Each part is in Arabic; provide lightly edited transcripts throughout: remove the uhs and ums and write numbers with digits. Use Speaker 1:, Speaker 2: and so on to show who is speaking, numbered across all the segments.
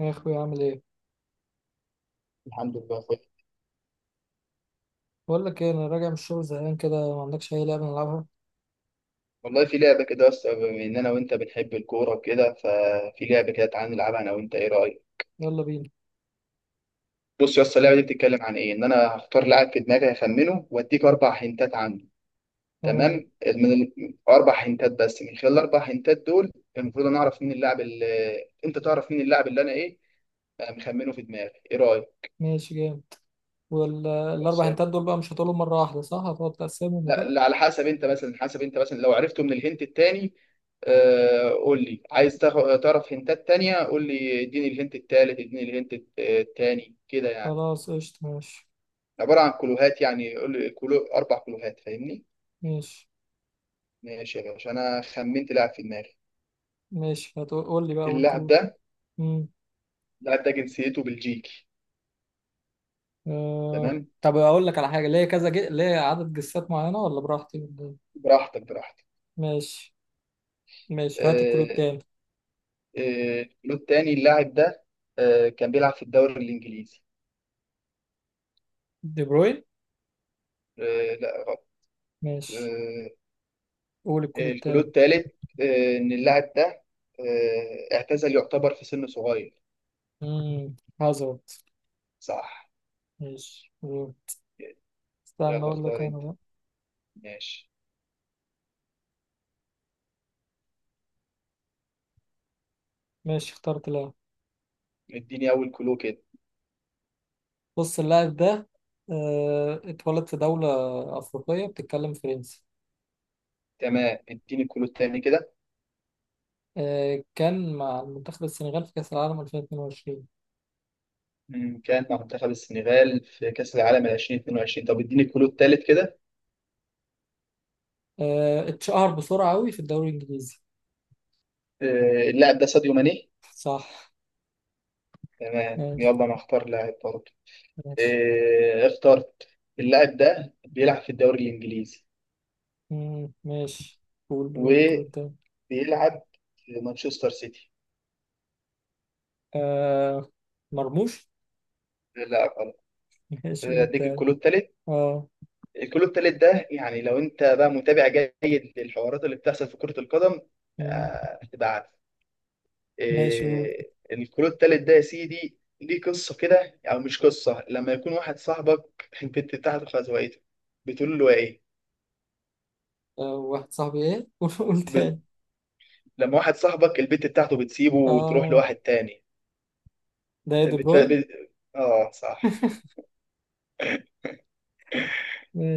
Speaker 1: يا اخوي، عامل ايه؟
Speaker 2: الحمد لله يا اخويا.
Speaker 1: بقول لك ايه، انا راجع من الشغل زهقان كده، ما عندكش اي لعبه نلعبها؟
Speaker 2: والله في لعبة كده، بس بما إن أنا وأنت بنحب الكورة وكده ففي لعبة كده، تعالى نلعبها أنا وأنت. إيه رأيك؟
Speaker 1: يلا بينا.
Speaker 2: بص يا اسطى، اللعبة دي بتتكلم عن إيه؟ إن أنا هختار لاعب في دماغي، هخمنه وأديك أربع هنتات عنه.
Speaker 1: تمام.
Speaker 2: تمام؟ من أربع هنتات، بس من خلال الأربع هنتات دول المفروض أنا أعرف مين اللاعب اللي أنت تعرف مين اللاعب اللي أنا إيه؟ أنا مخمنه في دماغي. إيه رأيك؟
Speaker 1: ماشي، جامد. والاربع هنتات دول بقى مش هتقولهم مره واحده، صح؟ هتقعد تقسمهم
Speaker 2: لا
Speaker 1: وكده؟
Speaker 2: لا، على حسب انت مثلا، حسب انت مثلا لو عرفته من الهنت التاني. قول لي عايز تعرف هنتات تانية، قول لي اديني الهنت التالت، اديني الهنت التاني كده، يعني
Speaker 1: خلاص، قشطه، ماشي.
Speaker 2: عبارة عن كلوهات. يعني قول لي كلو، أربع كلوهات، فاهمني؟
Speaker 1: ماشي.
Speaker 2: ماشي يا باشا، أنا خمنت لاعب في دماغي.
Speaker 1: ماشي، هتقول لي بقى اول
Speaker 2: اللاعب
Speaker 1: كلو.
Speaker 2: ده،
Speaker 1: امم.
Speaker 2: اللاعب ده جنسيته بلجيكي.
Speaker 1: آه.
Speaker 2: تمام؟
Speaker 1: طب اقول لك على حاجه، ليه كذا ليه عدد جسات معينه، ولا براحتي ولا إيه؟
Speaker 2: براحتك براحتك.
Speaker 1: ماشي. ماشي، هات الكلو
Speaker 2: آه،
Speaker 1: التاني.
Speaker 2: الكلو التاني، اللاعب ده كان بيلعب في الدوري الإنجليزي.
Speaker 1: دي بروين.
Speaker 2: لا غلط.
Speaker 1: ماشي،
Speaker 2: آه،
Speaker 1: قول الكلو
Speaker 2: الكلو
Speaker 1: التاني.
Speaker 2: الثالث، ان اللاعب ده اعتزل يعتبر في سن صغير.
Speaker 1: امم. هازارد.
Speaker 2: صح.
Speaker 1: ماشي، قول. استنى،
Speaker 2: يلا
Speaker 1: اقول لك
Speaker 2: اختار
Speaker 1: انا
Speaker 2: انت.
Speaker 1: بقى.
Speaker 2: ماشي،
Speaker 1: ماشي، اخترت لاعب.
Speaker 2: اديني اول كلو كده.
Speaker 1: بص، اللاعب ده اتولد في دولة أفريقية بتتكلم فرنسي.
Speaker 2: تمام، اديني الكلو الثاني كده.
Speaker 1: كان مع منتخب السنغال في كأس العالم 2022.
Speaker 2: مم، كان مع منتخب السنغال في كأس العالم 2022. طب اديني الكلو الثالث كده.
Speaker 1: اتشهر بسرعة أوي في الدوري الإنجليزي.
Speaker 2: اللاعب ده ساديو ماني.
Speaker 1: صح.
Speaker 2: تمام،
Speaker 1: ماشي.
Speaker 2: يلا انا اختار لاعب برضه.
Speaker 1: ماشي.
Speaker 2: اخترت. اللاعب ده بيلعب في الدوري الانجليزي
Speaker 1: ماشي. قول
Speaker 2: وبيلعب
Speaker 1: التاني.
Speaker 2: في مانشستر سيتي.
Speaker 1: آه، مرموش.
Speaker 2: لا غلط.
Speaker 1: ماشي، قول
Speaker 2: اديك
Speaker 1: التاني.
Speaker 2: الكلو الثالث.
Speaker 1: اه.
Speaker 2: الكلو التالت ده يعني لو انت بقى متابع جيد للحوارات اللي بتحصل في كرة القدم
Speaker 1: مم،
Speaker 2: هتبقى عارف.
Speaker 1: ماشي قول.
Speaker 2: الكلو التالت ده يا سيدي ليه قصة كده، او مش قصة، لما يكون واحد صاحبك البت بتاعته خزوقته بتقول له ايه؟
Speaker 1: واحد صاحبي ايه؟ قول
Speaker 2: ب...
Speaker 1: تاني.
Speaker 2: لما واحد صاحبك البت بتاعته بتسيبه وتروح
Speaker 1: اه.
Speaker 2: لواحد تاني.
Speaker 1: ده إيه، دي
Speaker 2: بت...
Speaker 1: بروين.
Speaker 2: بت... اه صح.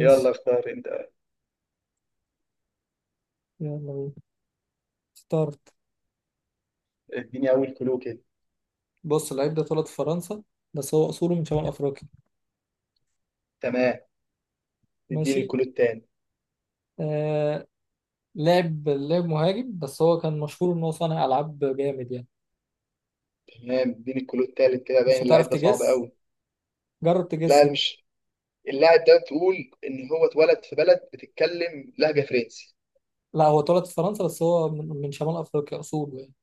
Speaker 2: يلا اختار انت.
Speaker 1: يلا بينا. اخترت.
Speaker 2: اديني اول كلو كده.
Speaker 1: بص، اللعيب ده اتولد في فرنسا، بس هو أصوله من شمال أفريقيا.
Speaker 2: تمام، اديني
Speaker 1: ماشي.
Speaker 2: الكلو التاني.
Speaker 1: آه لعب مهاجم، بس هو كان مشهور إن هو صانع ألعاب جامد يعني.
Speaker 2: تمام، اديني الكلو التالت كده. باين
Speaker 1: مش هتعرف
Speaker 2: اللعيب ده صعب
Speaker 1: تجس.
Speaker 2: قوي.
Speaker 1: جرب تجس
Speaker 2: لا،
Speaker 1: كده.
Speaker 2: مش. اللاعب ده تقول ان هو اتولد في بلد بتتكلم لهجه فرنسي،
Speaker 1: لا، هو اتولد في فرنسا بس هو من شمال أفريقيا أصوله يعني.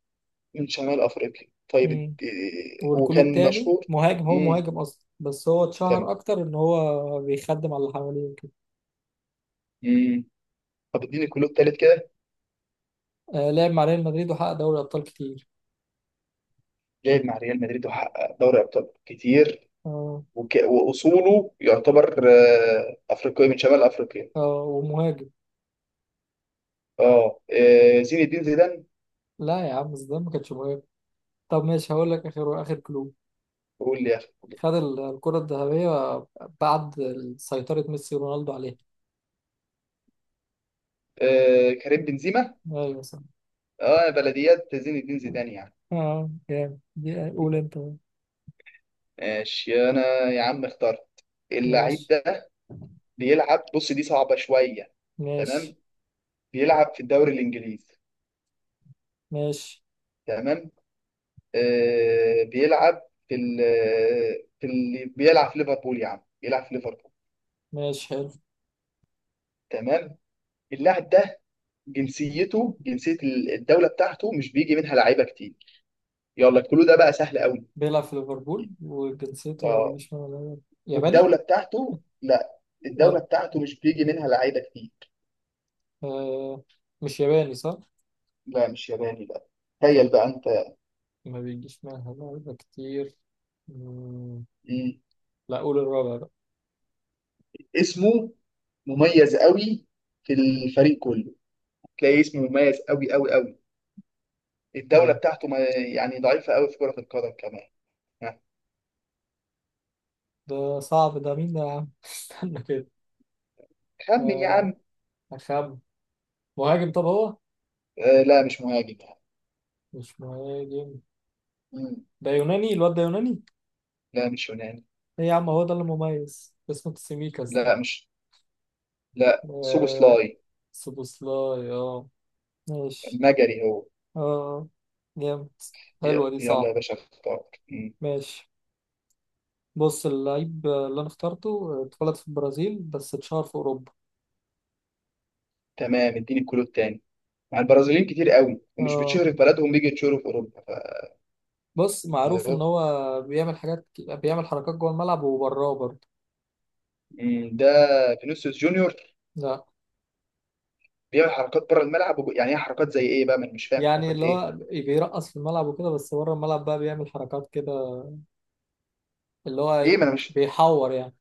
Speaker 2: من شمال افريقيا. طيب اد-
Speaker 1: مم.
Speaker 2: إيه،
Speaker 1: والكلو
Speaker 2: وكان
Speaker 1: التاني
Speaker 2: مشهور.
Speaker 1: مهاجم، هو
Speaker 2: امم.
Speaker 1: مهاجم أصلا بس هو اتشهر
Speaker 2: تمام.
Speaker 1: أكتر إن هو بيخدم على اللي حواليه وكده.
Speaker 2: امم. طب اديني الكلود التالت كده.
Speaker 1: لعب مع ريال مدريد وحقق دوري أبطال كتير.
Speaker 2: لعب مع ريال مدريد وحقق دوري ابطال كتير.
Speaker 1: اه.
Speaker 2: واصوله يعتبر افريقي من شمال افريقيا.
Speaker 1: اه، ومهاجم.
Speaker 2: اه، زين الدين زيدان.
Speaker 1: لا يا عم، زيدان ما كانش مهاجم. طب ماشي، هقول لك آخر آخر كلو.
Speaker 2: قول لي يا اخي.
Speaker 1: خد الكرة الذهبية بعد سيطرة ميسي ورونالدو عليها.
Speaker 2: كريم بنزيما.
Speaker 1: أيوة، صح.
Speaker 2: اه، بلديات زين الدين زيدان يعني.
Speaker 1: أه جامد، دي قول أنت بقى.
Speaker 2: ماشي انا، يا عم اخترت. اللعيب
Speaker 1: ماشي.
Speaker 2: ده بيلعب، بص دي صعبة شوية.
Speaker 1: ماشي.
Speaker 2: تمام، بيلعب في الدوري الإنجليزي.
Speaker 1: ماشي.
Speaker 2: تمام. آه بيلعب في ال، في ال، بيلعب في ليفربول يا عم، بيلعب في ليفربول.
Speaker 1: ماشي، حلو.
Speaker 2: تمام. اللاعب ده جنسيته، جنسية الدولة بتاعته مش بيجي منها لعيبة كتير. يلا الكلو ده بقى سهل قوي.
Speaker 1: بيلعب في ليفربول وجنسيته ما
Speaker 2: اه.
Speaker 1: بيجيش من، ولا ياباني؟
Speaker 2: والدولة بتاعته، لا،
Speaker 1: و...
Speaker 2: الدولة بتاعته مش بيجي منها لعيبة كتير.
Speaker 1: آه مش ياباني، صح؟
Speaker 2: لا، مش ياباني بقى. تخيل
Speaker 1: طب،
Speaker 2: بقى انت.
Speaker 1: ما بيجيش منها لعيبة كتير. مم،
Speaker 2: مم.
Speaker 1: لا، قول الرابع بقى.
Speaker 2: اسمه مميز قوي في الفريق كله، تلاقيه اسمه مميز قوي قوي قوي. الدولة
Speaker 1: ده
Speaker 2: بتاعته ما يعني ضعيفة قوي في كرة القدم كمان. ها،
Speaker 1: ده صعب، ده مين ده يا عم؟ استنى كده.
Speaker 2: خمن يا
Speaker 1: آه.
Speaker 2: عم.
Speaker 1: أخم. مهاجم، طب هو؟
Speaker 2: آه، لا مش مهاجم.
Speaker 1: مش مهاجم؟
Speaker 2: مم.
Speaker 1: ده يوناني، الواد ده يوناني.
Speaker 2: لا، مش يوناني.
Speaker 1: ايه يا عم، هو ده اللي مميز اسمه تسيميكاس ده؟
Speaker 2: لا، مش. لا،
Speaker 1: آه
Speaker 2: سوبوسلاي.
Speaker 1: سوبوسلاي. اه. ماشي.
Speaker 2: مجري هو.
Speaker 1: اه، جامد. حلوة دي،
Speaker 2: يلا يا
Speaker 1: صعب.
Speaker 2: باشا اختار. مم.
Speaker 1: ماشي. بص، اللعيب اللي انا اخترته اتولد في البرازيل بس اتشهر في اوروبا.
Speaker 2: تمام، اديني الكلو التاني. مع البرازيليين كتير قوي، ومش بتشهر
Speaker 1: اه.
Speaker 2: في بلدهم، بيجي يتشهروا في اوروبا.
Speaker 1: بص، معروف ان
Speaker 2: فالموضوع
Speaker 1: هو بيعمل حاجات، بيعمل حركات جوه الملعب وبراه برضه.
Speaker 2: مم، ده فينيسيوس جونيور.
Speaker 1: لا.
Speaker 2: بيعمل حركات بره الملعب يعني ايه حركات زي ايه بقى، ما انا مش فاهم
Speaker 1: يعني
Speaker 2: حركات
Speaker 1: اللي
Speaker 2: ايه؟
Speaker 1: هو بيرقص في الملعب وكده، بس بره الملعب بقى بيعمل حركات كده، اللي هو
Speaker 2: ايه ما انا مش.
Speaker 1: بيحور يعني.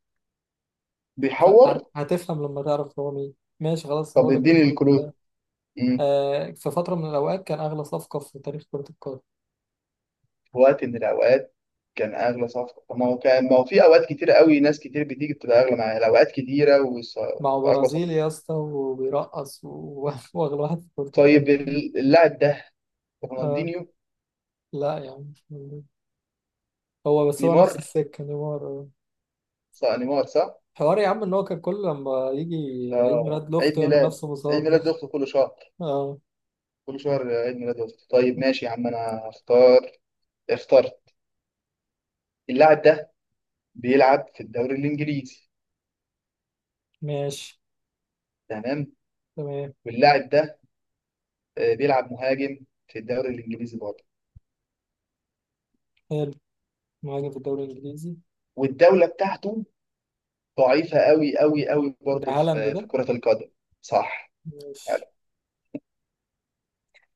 Speaker 1: ف-
Speaker 2: بيحور.
Speaker 1: هتفهم لما تعرف هو مين. ماشي، خلاص
Speaker 2: طب
Speaker 1: هقول لك
Speaker 2: اديني
Speaker 1: الكلوب
Speaker 2: الكلو.
Speaker 1: ده. في فترة من الأوقات كان أغلى صفقة في تاريخ كرة القدم.
Speaker 2: في وقت من الاوقات كان اغلى صفقه. طب ما هو كان، ما هو في اوقات كتيره قوي ناس كتير بتيجي بتبقى اغلى، معايا الاوقات كتيره
Speaker 1: مع
Speaker 2: واغلى
Speaker 1: برازيل
Speaker 2: صفقه.
Speaker 1: يا اسطى، وبيرقص وأغلى واحد في كرة
Speaker 2: طيب
Speaker 1: القدم.
Speaker 2: اللاعب ده
Speaker 1: آه.
Speaker 2: رونالدينيو.
Speaker 1: لا يا عم، هو بس هو نفس
Speaker 2: نيمار.
Speaker 1: السكة نيمار آه.
Speaker 2: صح، نيمار صح.
Speaker 1: حوار يا عم إن هو كان كل لما يجي عيد
Speaker 2: اه،
Speaker 1: ميلاد
Speaker 2: عيد
Speaker 1: لأخته يعمل
Speaker 2: ميلاد،
Speaker 1: نفسه
Speaker 2: عيد
Speaker 1: مصاب ده.
Speaker 2: ميلاد اخته كل شهر،
Speaker 1: اه.
Speaker 2: كل شهر عيد ميلاد اخته. طيب ماشي يا عم انا اختار. اخترت. اللاعب ده بيلعب في الدوري الانجليزي.
Speaker 1: ماشي.
Speaker 2: تمام.
Speaker 1: تمام.
Speaker 2: واللاعب ده بيلعب مهاجم في الدوري الانجليزي برضه.
Speaker 1: حلو. مهاجم في الدوري الإنجليزي.
Speaker 2: والدوله بتاعته ضعيفة قوي قوي قوي
Speaker 1: ده
Speaker 2: برضه
Speaker 1: هالاند
Speaker 2: في
Speaker 1: ده.
Speaker 2: في كرة القدم. صح. حلو.
Speaker 1: ماشي.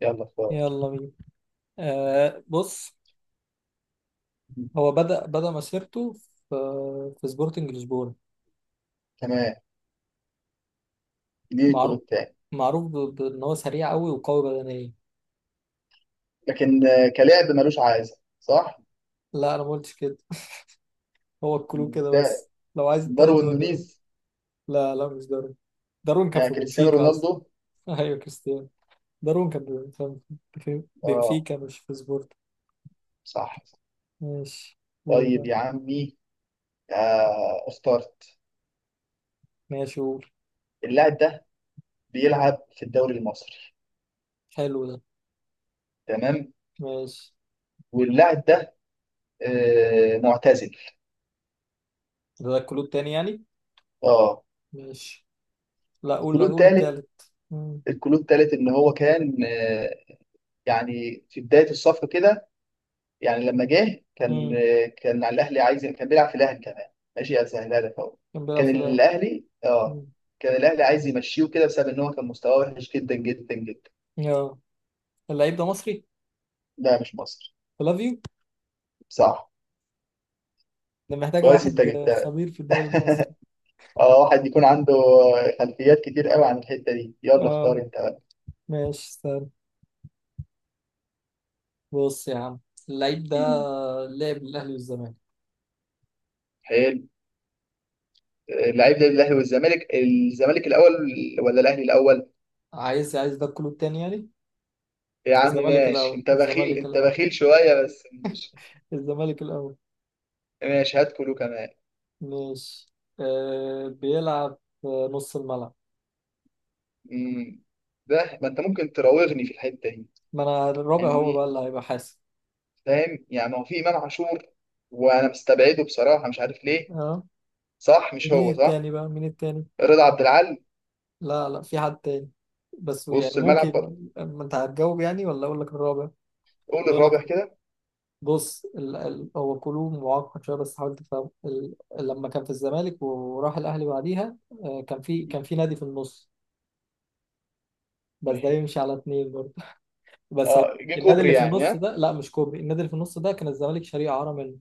Speaker 2: يلا اختار.
Speaker 1: يلا بينا. بص، هو بدأ مسيرته في سبورتنج لشبونة.
Speaker 2: تمام، دي الجول
Speaker 1: معروف.
Speaker 2: التاني.
Speaker 1: معروف بان هو سريع قوي وقوي بدنيا.
Speaker 2: لكن كلاعب ملوش عايزة صح.
Speaker 1: لا، انا ما قلتش كده. هو الكلو كده
Speaker 2: ده
Speaker 1: بس. لو عايز التاني
Speaker 2: داروين
Speaker 1: تقول لي
Speaker 2: نونيز.
Speaker 1: بقى. لا لا، مش دارون. دارون كان في
Speaker 2: كريستيانو
Speaker 1: بنفيكا اصلا.
Speaker 2: رونالدو.
Speaker 1: ايوه، كريستيانو. دارون كان كان في
Speaker 2: اه
Speaker 1: بنفيكا مش في سبورت.
Speaker 2: صح.
Speaker 1: ماشي. قول
Speaker 2: طيب
Speaker 1: بقى.
Speaker 2: يا عمي اخترت.
Speaker 1: ماشي، قول.
Speaker 2: اللاعب ده بيلعب في الدوري المصري.
Speaker 1: حلو ده.
Speaker 2: تمام.
Speaker 1: ماشي.
Speaker 2: واللاعب ده آه، معتزل.
Speaker 1: ده الكلو التاني يعني.
Speaker 2: اه.
Speaker 1: ماشي. لا، قول
Speaker 2: الكلو
Speaker 1: قول
Speaker 2: التالت.
Speaker 1: التالت. مم.
Speaker 2: الكلو التالت ان هو كان آه، يعني في بداية الصفقة كده، يعني لما جه كان،
Speaker 1: مم.
Speaker 2: كان على الاهلي عايز، كان بيلعب في الاهلي كمان. ماشي اسهلها لك اهو.
Speaker 1: كان بيلعب
Speaker 2: كان
Speaker 1: في الاهلي.
Speaker 2: الاهلي، اه
Speaker 1: مم.
Speaker 2: كان الاهلي عايز يمشيه كده بسبب ان هو كان مستواه وحش جدا جدا جدا.
Speaker 1: يا اللعيب ده مصري؟
Speaker 2: لا، مش مصر.
Speaker 1: لاف يو.
Speaker 2: صح.
Speaker 1: ده محتاجة
Speaker 2: كويس انت
Speaker 1: واحد
Speaker 2: جبتها.
Speaker 1: خبير في الدوري المصري.
Speaker 2: اه، واحد يكون عنده خلفيات كتير قوي عن الحته دي. يلا اختار
Speaker 1: اه.
Speaker 2: انت بقى.
Speaker 1: ماشي، استنى. بص يا عم، اللعيب ده
Speaker 2: مم.
Speaker 1: لعب الأهلي والزمالك.
Speaker 2: حلو. اللعيب ده الاهلي والزمالك، الزمالك الاول ولا الاهلي الاول؟
Speaker 1: عايز ده كله التاني يعني.
Speaker 2: يا عم
Speaker 1: الزمالك
Speaker 2: ماشي،
Speaker 1: الأول،
Speaker 2: انت بخيل،
Speaker 1: الزمالك
Speaker 2: انت
Speaker 1: الأول،
Speaker 2: بخيل شويه بس. مش-
Speaker 1: الزمالك الأول.
Speaker 2: ماشي هات كله كمان.
Speaker 1: ماشي. بيلعب في نص الملعب.
Speaker 2: مم. ده ما انت ممكن تراوغني في الحته دي
Speaker 1: ما أنا الرابع هو بقى
Speaker 2: يعني،
Speaker 1: اللي هيبقى حاسب.
Speaker 2: فاهم يعني؟ هو في امام عاشور وانا مستبعده بصراحه مش عارف ليه.
Speaker 1: اه.
Speaker 2: صح مش
Speaker 1: مين
Speaker 2: هو؟ صح.
Speaker 1: التاني بقى مين التاني؟
Speaker 2: رضا عبد العال.
Speaker 1: لا لا، في حد تاني، بس يعني
Speaker 2: وسط
Speaker 1: ممكن
Speaker 2: الملعب
Speaker 1: يبقى.
Speaker 2: برضه.
Speaker 1: ما انت هتجاوب يعني، ولا اقول لك الرابع؟
Speaker 2: قول
Speaker 1: اقول لك.
Speaker 2: الرابع كده.
Speaker 1: بص هو كلو معقد شويه، بس حاول تفهم لما كان في الزمالك وراح الاهلي بعديها. كان في نادي في النص، بس
Speaker 2: ما
Speaker 1: ده
Speaker 2: هي ده.
Speaker 1: يمشي على اتنين برضه. بس هو
Speaker 2: اه، جه
Speaker 1: النادي
Speaker 2: كوبري
Speaker 1: اللي في
Speaker 2: يعني،
Speaker 1: النص
Speaker 2: ها.
Speaker 1: ده، لا مش كوبري، النادي اللي في النص ده كان الزمالك شاريه اعاره منه.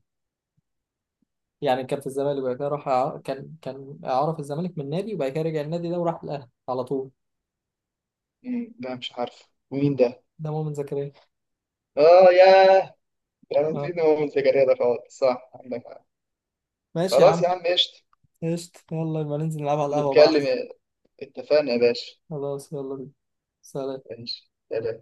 Speaker 1: يعني كان في الزمالك وبعد كده راح كان اعاره في الزمالك من نادي وبعد كده رجع النادي ده وراح الاهلي على طول.
Speaker 2: مم. ده مش عارف مين ده.
Speaker 1: ده مؤمن زكريا.
Speaker 2: اه ياه، ده انا
Speaker 1: آه.
Speaker 2: نسيت، هو من سجاريه ده خالص. صح عندك حق.
Speaker 1: ماشي يا
Speaker 2: خلاص
Speaker 1: عم.
Speaker 2: يا عم قشطه.
Speaker 1: قشطة، يلا يبقى ننزل نلعب على القهوه بقى احسن.
Speaker 2: نتكلم. اتفقنا يا باشا.
Speaker 1: خلاص، يلا بينا. سلام.
Speaker 2: ماشي، سلام.